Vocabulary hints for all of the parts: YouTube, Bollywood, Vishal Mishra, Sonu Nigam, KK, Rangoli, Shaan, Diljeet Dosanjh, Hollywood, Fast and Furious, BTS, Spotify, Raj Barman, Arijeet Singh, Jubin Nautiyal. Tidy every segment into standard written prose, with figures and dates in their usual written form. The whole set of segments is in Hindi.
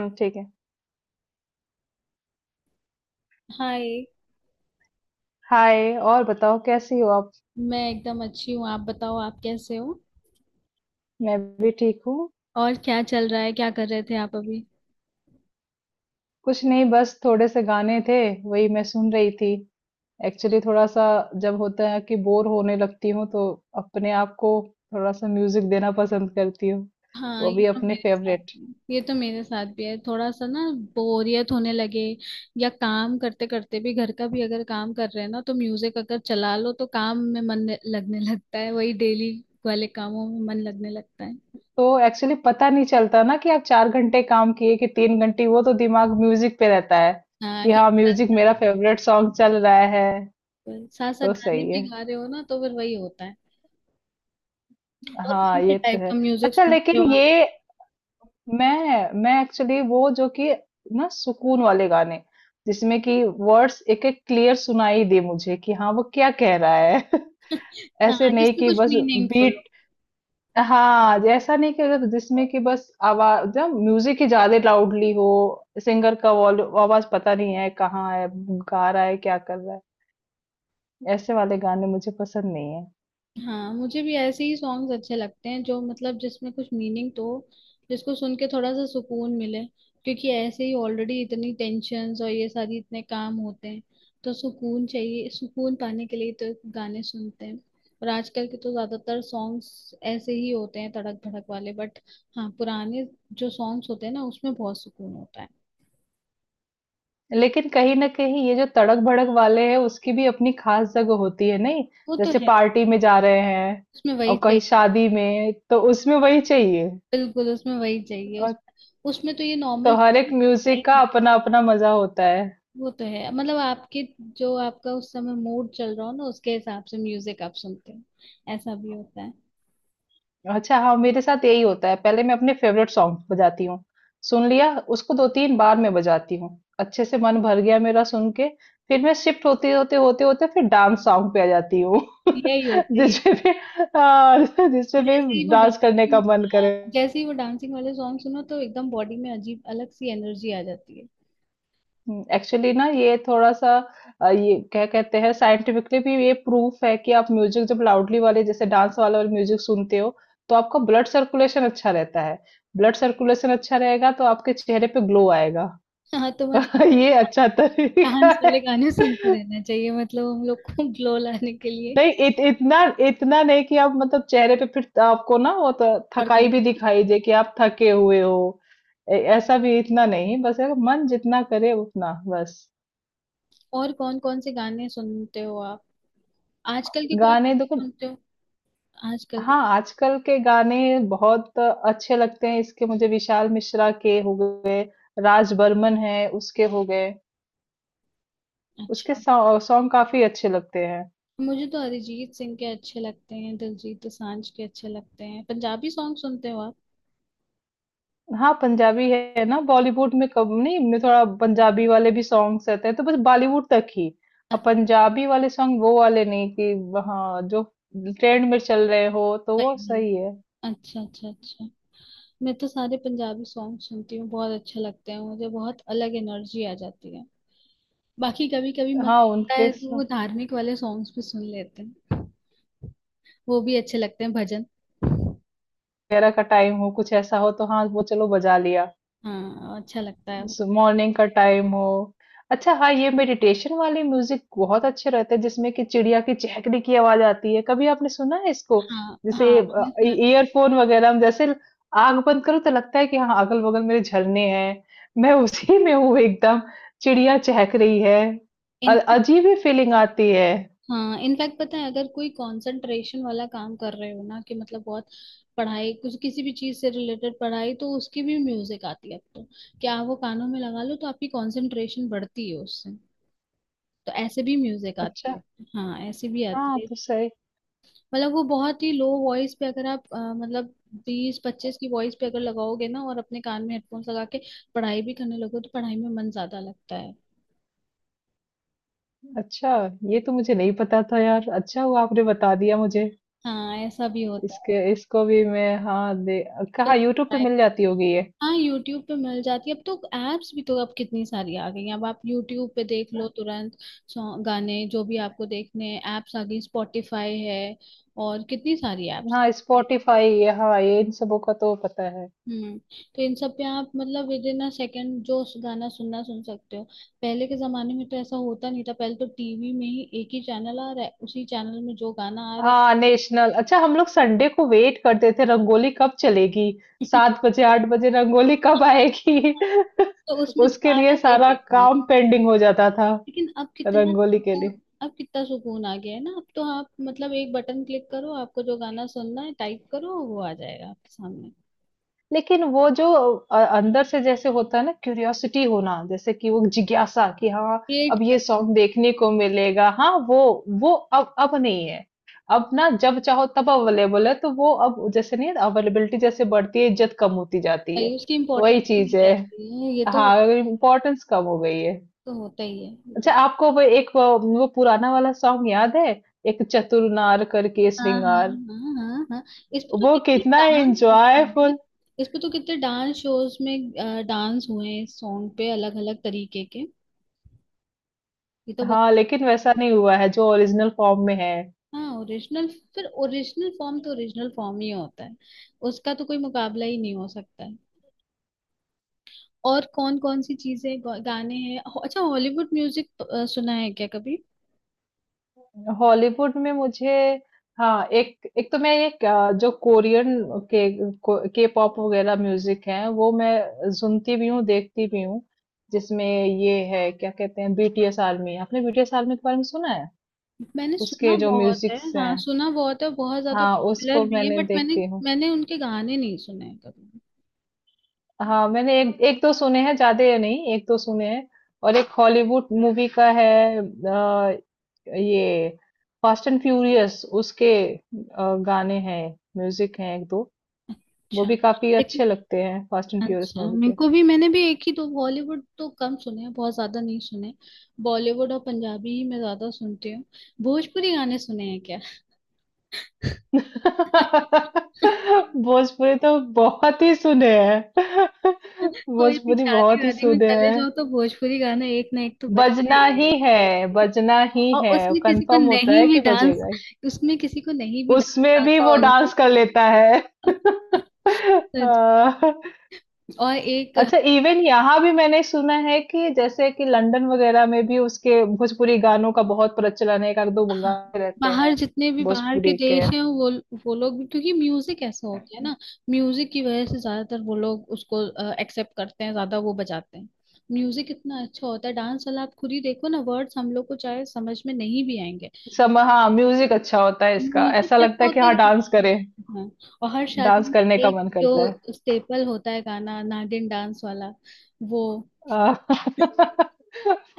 हुँ, ठीक है। हाय। हाय और बताओ कैसी हो आप? मैं एकदम अच्छी हूँ। आप बताओ, आप कैसे हो। मैं भी ठीक हूँ। और क्या चल रहा है, क्या कर रहे थे आप अभी। कुछ नहीं बस थोड़े से गाने थे, वही मैं सुन रही थी। एक्चुअली थोड़ा-सा जब होता है कि बोर होने लगती हूँ तो अपने आप को थोड़ा-सा म्यूजिक देना पसंद करती हूँ, हाँ, वो ये भी तो अपने मेरे साथ फेवरेट। भी है। ये तो मेरे साथ भी है थोड़ा सा ना। बोरियत होने लगे या काम करते करते भी, घर का भी अगर काम कर रहे हैं ना, तो म्यूजिक अगर चला लो तो काम में मन लगने लगता है। वही डेली वाले कामों में मन लगने लगता है। तो एक्चुअली पता नहीं चलता ना कि आप 4 घंटे काम किए कि 3 घंटे, वो तो दिमाग म्यूजिक पे रहता है हाँ, कि क्योंकि हाँ, म्यूजिक मेरा फेवरेट सॉन्ग चल रहा है, साथ साथ साथ तो गाने सही भी है। गा रहे हो ना, तो फिर वही होता है। और कौन हाँ, से ये तो टाइप है। का म्यूजिक अच्छा सुनते लेकिन हो आप। ये मैं एक्चुअली वो जो कि ना सुकून वाले गाने, जिसमें कि वर्ड्स एक एक क्लियर सुनाई दे मुझे कि हाँ वो क्या कह रहा है। ऐसे हाँ, नहीं जिसमें कि कुछ बस मीनिंगफुल। बीट। हाँ ऐसा नहीं कि अगर जिसमें कि बस आवाज जब म्यूजिक ही ज्यादा लाउडली हो, सिंगर का वॉल्यूम आवाज पता नहीं है कहाँ है गा रहा है क्या कर रहा है, ऐसे वाले गाने मुझे पसंद नहीं है। हाँ, मुझे भी ऐसे ही सॉन्ग्स अच्छे लगते हैं, जो मतलब जिसमें कुछ मीनिंग तो, जिसको सुन के थोड़ा सा सुकून मिले। क्योंकि ऐसे ही ऑलरेडी इतनी टेंशन्स और ये सारी इतने काम होते हैं, तो सुकून चाहिए। सुकून पाने के लिए तो गाने सुनते हैं। और आजकल के तो ज्यादातर सॉन्ग्स ऐसे ही होते हैं, तड़क भड़क वाले। बट हाँ, पुराने जो सॉन्ग्स होते हैं ना, उसमें बहुत सुकून होता है। लेकिन कहीं ना कहीं ये जो तड़क भड़क वाले हैं उसकी भी अपनी खास जगह होती है नहीं? वो तो जैसे है। पार्टी में जा रहे हैं उसमें वही और कहीं चाहिए। शादी में, तो उसमें वही चाहिए। बिल्कुल उसमें वही चाहिए। और उसमें तो ये तो नॉर्मल। हर एक म्यूजिक का अपना अपना मजा होता है। वो तो है। मतलब आपके जो आपका उस समय मूड चल रहा हो ना, उसके हिसाब से म्यूजिक आप सुनते हो। ऐसा भी होता है। अच्छा हाँ मेरे साथ यही होता है, पहले मैं अपने फेवरेट सॉन्ग बजाती हूँ। सुन लिया, उसको दो तीन बार मैं बजाती हूँ। अच्छे से मन भर गया मेरा सुन के, फिर मैं शिफ्ट होते होते होते होते फिर डांस सॉन्ग पे आ जाती हूँ। यही होता है, यही जिसपे होता फिर है। हाँ, जिसपे और फिर डांस करने का मन करे। जैसे ही वो डांसिंग वाले सॉन्ग सुनो तो एकदम बॉडी में अजीब अलग सी एनर्जी आ जाती है। एक्चुअली ना ये थोड़ा सा ये क्या कहते हैं, साइंटिफिकली भी ये प्रूफ है कि आप म्यूजिक जब लाउडली वाले जैसे डांस वाला वाले म्यूजिक सुनते हो तो आपका ब्लड सर्कुलेशन अच्छा रहता है। ब्लड सर्कुलेशन अच्छा रहेगा तो आपके चेहरे पे ग्लो आएगा। हाँ, तो मतलब ये अच्छा तरीका डांस वाले है। गाने सुनते रहना चाहिए, मतलब हम लोग को ग्लो लाने के लिए। नहीं इतना इतना नहीं कि आप मतलब चेहरे पे फिर आपको ना वो तो और थकाई भी करना। दिखाई दे कि आप थके हुए हो। ऐसा भी इतना नहीं, बस है कि मन जितना करे उतना बस। और कौन कौन से गाने सुनते हो आप? आजकल के कोई गाने गाने देखो सुनते हो? आजकल के। हाँ, आजकल के गाने बहुत अच्छे लगते हैं, इसके मुझे विशाल मिश्रा के हो गए, राज बर्मन है, उसके हो गए, उसके अच्छा। सॉ सॉन्ग काफ़ी अच्छे लगते हैं। मुझे तो अरिजीत सिंह के अच्छे लगते हैं, दिलजीत दोसांझ के अच्छे लगते हैं। पंजाबी सॉन्ग सुनते हो आप। हाँ, पंजाबी है ना, बॉलीवुड में कब नहीं में थोड़ा पंजाबी वाले भी सॉन्ग्स रहते हैं, तो बस बॉलीवुड तक ही। अब पंजाबी वाले सॉन्ग वो वाले नहीं कि हाँ, जो ट्रेंड में चल रहे हो, तो वो अच्छा ही। सही है। अच्छा, अच्छा, अच्छा। मैं तो सारे पंजाबी सॉन्ग सुनती हूँ, बहुत अच्छे लगते हैं मुझे। बहुत अलग एनर्जी आ जाती है। बाकी कभी कभी मन हाँ, करता उनके है स तो वो धार्मिक वाले सॉन्ग्स भी सुन लेते हैं। वो भी अच्छे लगते हैं, भजन। वगैरह का टाइम हो, कुछ ऐसा हो तो हाँ, वो चलो बजा लिया। हाँ, अच्छा लगता है वो। मॉर्निंग का टाइम हो। अच्छा हाँ ये मेडिटेशन वाले म्यूजिक बहुत अच्छे रहते हैं जिसमें कि चिड़िया की चहकने की आवाज आती है, कभी आपने सुना है इसको? हाँ जैसे हाँ, मैंने सुना। ईयरफोन वगैरह हम जैसे आग बंद करो तो लगता है कि हाँ अगल बगल मेरे झरने हैं, मैं उसी में हूँ एकदम, चिड़िया चहक रही है। अजीब ही फीलिंग आती है। हाँ, इनफैक्ट पता है, अगर कोई कंसंट्रेशन वाला काम कर रहे हो ना कि मतलब बहुत पढ़ाई, कुछ किसी भी चीज से रिलेटेड पढ़ाई, तो उसकी भी म्यूजिक आती है अब तो। क्या आप वो कानों में लगा लो तो आपकी कंसंट्रेशन बढ़ती है उससे। तो ऐसे भी म्यूजिक आती अच्छा, है। हाँ, ऐसे भी हाँ आती है। तो सही। मतलब वो बहुत ही लो वॉइस पे, अगर आप मतलब 20, 25 की वॉइस पे अगर लगाओगे ना, और अपने कान में हेडफोन्स लगा के पढ़ाई भी करने लगो तो पढ़ाई में मन ज्यादा लगता है। अच्छा ये तो मुझे नहीं पता था यार, अच्छा हुआ आपने बता दिया मुझे। हाँ, ऐसा भी होता इसके इसको भी मैं हाँ दे। कहाँ यूट्यूब पे है। मिल जाती होगी ये। हाँ, यूट्यूब पे मिल जाती है। अब तो एप्स भी तो अब कितनी सारी आ गई हैं। अब आप यूट्यूब पे देख लो तुरंत, सॉन्ग गाने जो भी आपको देखने हैं। एप्स आ गई, स्पॉटिफाई है, और कितनी सारी एप्स आ हाँ गई हैं। स्पॉटिफाई, हाँ ये इन सबों का तो पता है। हम्म। तो इन सब पे आप मतलब विद इन अ सेकेंड जो गाना सुन सकते हो। पहले के जमाने में तो ऐसा होता नहीं था। पहले तो टीवी में ही एक ही चैनल आ रहा है, उसी चैनल में जो गाना आ रहा है। हाँ नेशनल, अच्छा हम लोग संडे को वेट करते थे रंगोली कब चलेगी, 7 बजे 8 बजे रंगोली कब आएगी। तो उसमें जो उसके आ रहा लिए है वही सारा देखना है। काम पेंडिंग हो जाता था। लेकिन रंगोली के लिए। अब कितना सुकून आ गया है ना। अब तो आप मतलब एक बटन क्लिक करो, आपको जो गाना सुनना है टाइप करो, वो आ जाएगा आपके सामने। लेकिन वो जो अंदर से जैसे होता है ना क्यूरियोसिटी होना, जैसे कि वो जिज्ञासा कि हाँ क्रिएट अब ये करना सॉन्ग होता देखने को मिलेगा, हाँ वो अब नहीं है। अब ना जब चाहो तब अवेलेबल है तो वो अब जैसे नहीं, अवेलेबिलिटी जैसे बढ़ती है इज्जत कम होती जाती है। है। उसकी वही इम्पोर्टेंस चीज नहीं है। रहती है ये तो। हाँ इम्पोर्टेंस कम हो गई है। तो होता ही है ये तो। अच्छा आपको वो एक वो पुराना वाला सॉन्ग याद है? एक चतुर नार करके हाँ, हाँ, श्रृंगार हाँ, हाँ, हाँ। इस पे तो वो कितने कितना डांस होते हैं! एंजॉयफुल। इस पे तो कितने डांस शोज में डांस हुए हैं इस सॉन्ग पे, अलग अलग तरीके के। ये तो बहुत। हाँ, लेकिन वैसा नहीं हुआ है जो ओरिजिनल फॉर्म में है। हाँ, ओरिजिनल। फिर ओरिजिनल फॉर्म तो ओरिजिनल फॉर्म ही होता है, उसका तो कोई मुकाबला ही नहीं हो सकता है। और कौन कौन सी चीजें गाने हैं अच्छा, हॉलीवुड म्यूजिक सुना है क्या कभी। हॉलीवुड में मुझे हाँ, एक एक तो मैं एक अ, जो कोरियन के पॉप वगैरह म्यूजिक है वो मैं सुनती भी हूँ देखती भी हूँ। जिसमें ये है क्या कहते हैं बीटीएस आर्मी, आपने बीटीएस आर्मी के बारे में सुना है? मैंने सुना उसके जो बहुत है, म्यूजिक्स हैं, हाँ, सुना बहुत है। बहुत ज्यादा हाँ पॉपुलर उसको भी है, मैंने बट मैंने देखती हूँ। मैंने उनके गाने नहीं सुने हैं कभी। हाँ मैंने एक एक दो सुने हैं ज्यादा नहीं, एक दो सुने हैं। और एक हॉलीवुड मूवी का है ये फास्ट एंड फ्यूरियस, उसके गाने हैं म्यूजिक हैं एक दो। वो अच्छा, भी काफी लेकिन। अच्छे लगते हैं फास्ट एंड फ्यूरियस अच्छा, मूवी मेरे के। को भी, मैंने भी एक ही दो बॉलीवुड तो कम सुने हैं, बहुत ज्यादा नहीं सुने। बॉलीवुड और पंजाबी ही मैं ज्यादा सुनती हूँ। भोजपुरी गाने सुने हैं क्या। भोजपुरी तो बहुत ही सुने हैं। कोई भी भोजपुरी शादी बहुत ही वादी में सुने चले हैं। जाओ तो भोजपुरी गाना एक ना एक तो बजते बजना ही ही है। है बजना ही और है। उसमें किसी को कंफर्म होता नहीं है भी कि डांस बजेगा ही। उसमें किसी को नहीं भी डांस उसमें भी आता वो होगा ना, डांस कर लेता है। सच अ, में। और एक। अच्छा इवन यहाँ भी मैंने सुना है कि जैसे कि लंदन वगैरह में भी उसके भोजपुरी गानों का बहुत प्रचलन है, एक आध दो हाँ, गाने रहते बाहर हैं जितने भी बाहर के भोजपुरी देश के। हैं वो लोग भी, क्योंकि म्यूजिक ऐसा होता है ना। म्यूजिक की वजह से ज्यादातर वो लोग उसको एक्सेप्ट करते हैं, ज्यादा वो बजाते हैं। म्यूजिक इतना अच्छा होता है डांस वाला, आप खुद ही देखो ना। वर्ड्स हम लोग को चाहे समझ में नहीं भी आएंगे, सब हाँ म्यूजिक अच्छा होता है इसका, म्यूजिक ऐसा ऐसा लगता है कि होता हाँ है कि डांस करें, म्यूजिक, हाँ। और हर शादी डांस में करने का एक मन जो करता है। स्टेपल होता है गाना, नागिन डांस वाला, वो। आ,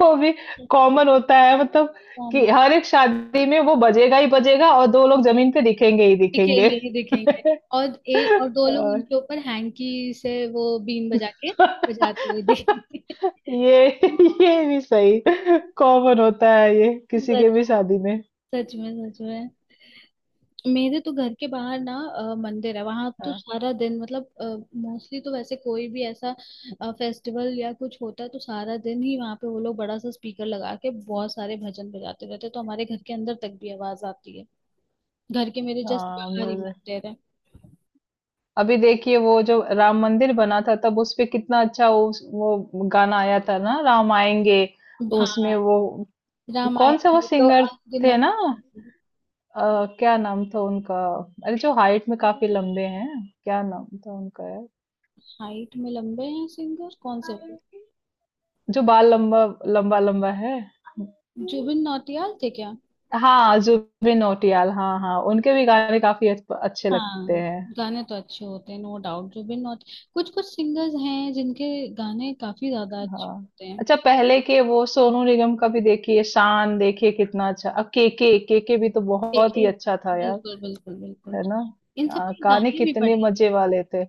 वो भी कॉमन होता है मतलब, कि हम। हर एक शादी में वो बजेगा ही बजेगा और दो लोग जमीन पे दिखेंगे ही दिखेंगे। दिखेंगे ही दिखेंगे। और दो लोग आ, उनके ऊपर हैंकी से वो बीन बजा के बजाते हुए दिखेंगे। ये ये भी सही। कॉमन होता है ये किसी के सच, भी शादी में। सच में, सच में। मेरे तो घर के बाहर ना मंदिर है। वहां तो हाँ सारा दिन, मतलब मोस्टली तो वैसे, कोई भी ऐसा फेस्टिवल या कुछ होता है तो सारा दिन ही वहां पे वो लोग बड़ा सा स्पीकर लगा के बहुत सारे भजन बजाते रहते हैं, तो हमारे घर के अंदर तक भी आवाज आती है। घर के मेरे जस्ट हाँ बाहर ही म्यूजिक, मंदिर है। अभी देखिए वो जो राम मंदिर बना था तब उस पे कितना अच्छा वो गाना आया था ना राम आएंगे। हाँ, उसमें वो कौन सा रामायण वो में तो सिंगर थे ना? अनगिनत। क्या नाम था उनका? अरे जो हाइट में काफी लंबे हैं। क्या नाम था उनका यार? हाइट में लंबे हैं? सिंगर कौन से वाले। जो बाल लंबा लंबा लंबा है। जुबिन नौटियाल थे क्या। हाँ, जुबिन नौटियाल, हाँ, हाँ, उनके भी गाने काफ़ी अच्छे लगते हाँ, हैं। गाने तो अच्छे होते हैं, नो डाउट। जुबिन नौट कुछ कुछ सिंगर्स हैं जिनके गाने काफी ज्यादा अच्छे हाँ, होते हैं। अच्छा पहले के वो सोनू निगम का भी देखिए, शान देखिए कितना अच्छा, अब केके, केके भी तो एक बहुत ही ही। अच्छा था यार, बिल्कुल, बिल्कुल, बिल्कुल। है ना? इन सब के गाने गाने भी कितने बढ़िया। मज़े वाले थे।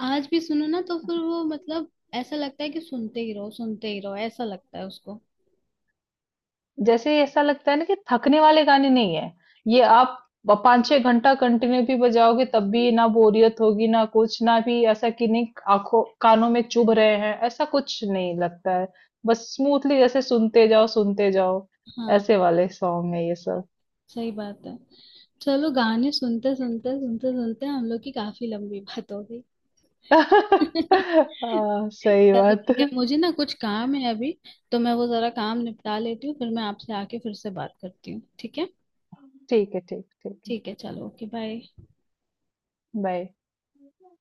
आज भी सुनो ना तो फिर वो मतलब, ऐसा लगता है कि सुनते ही रहो, सुनते ही रहो, ऐसा लगता है उसको। जैसे ऐसा लगता है ना कि थकने वाले गाने नहीं है ये, आप 5 6 घंटा कंटिन्यू भी बजाओगे तब भी ना बोरियत होगी ना कुछ, ना भी ऐसा कि नहीं आंखों कानों में चुभ रहे हैं, ऐसा कुछ नहीं लगता है। बस स्मूथली जैसे सुनते जाओ सुनते जाओ। हाँ, ऐसे वाले सॉन्ग है ये सब। सही बात है। चलो, गाने सुनते सुनते हम लोग की काफी लंबी बात हो गई। हाँ सही चलो बात। ठीक है, मुझे ना कुछ काम है अभी, तो मैं वो जरा काम निपटा लेती हूँ, फिर मैं आपसे आके फिर से बात करती हूँ, ठीक है। ठीक है ठीक ठीक है। ठीक है, चलो, ओके, बाय। बाय।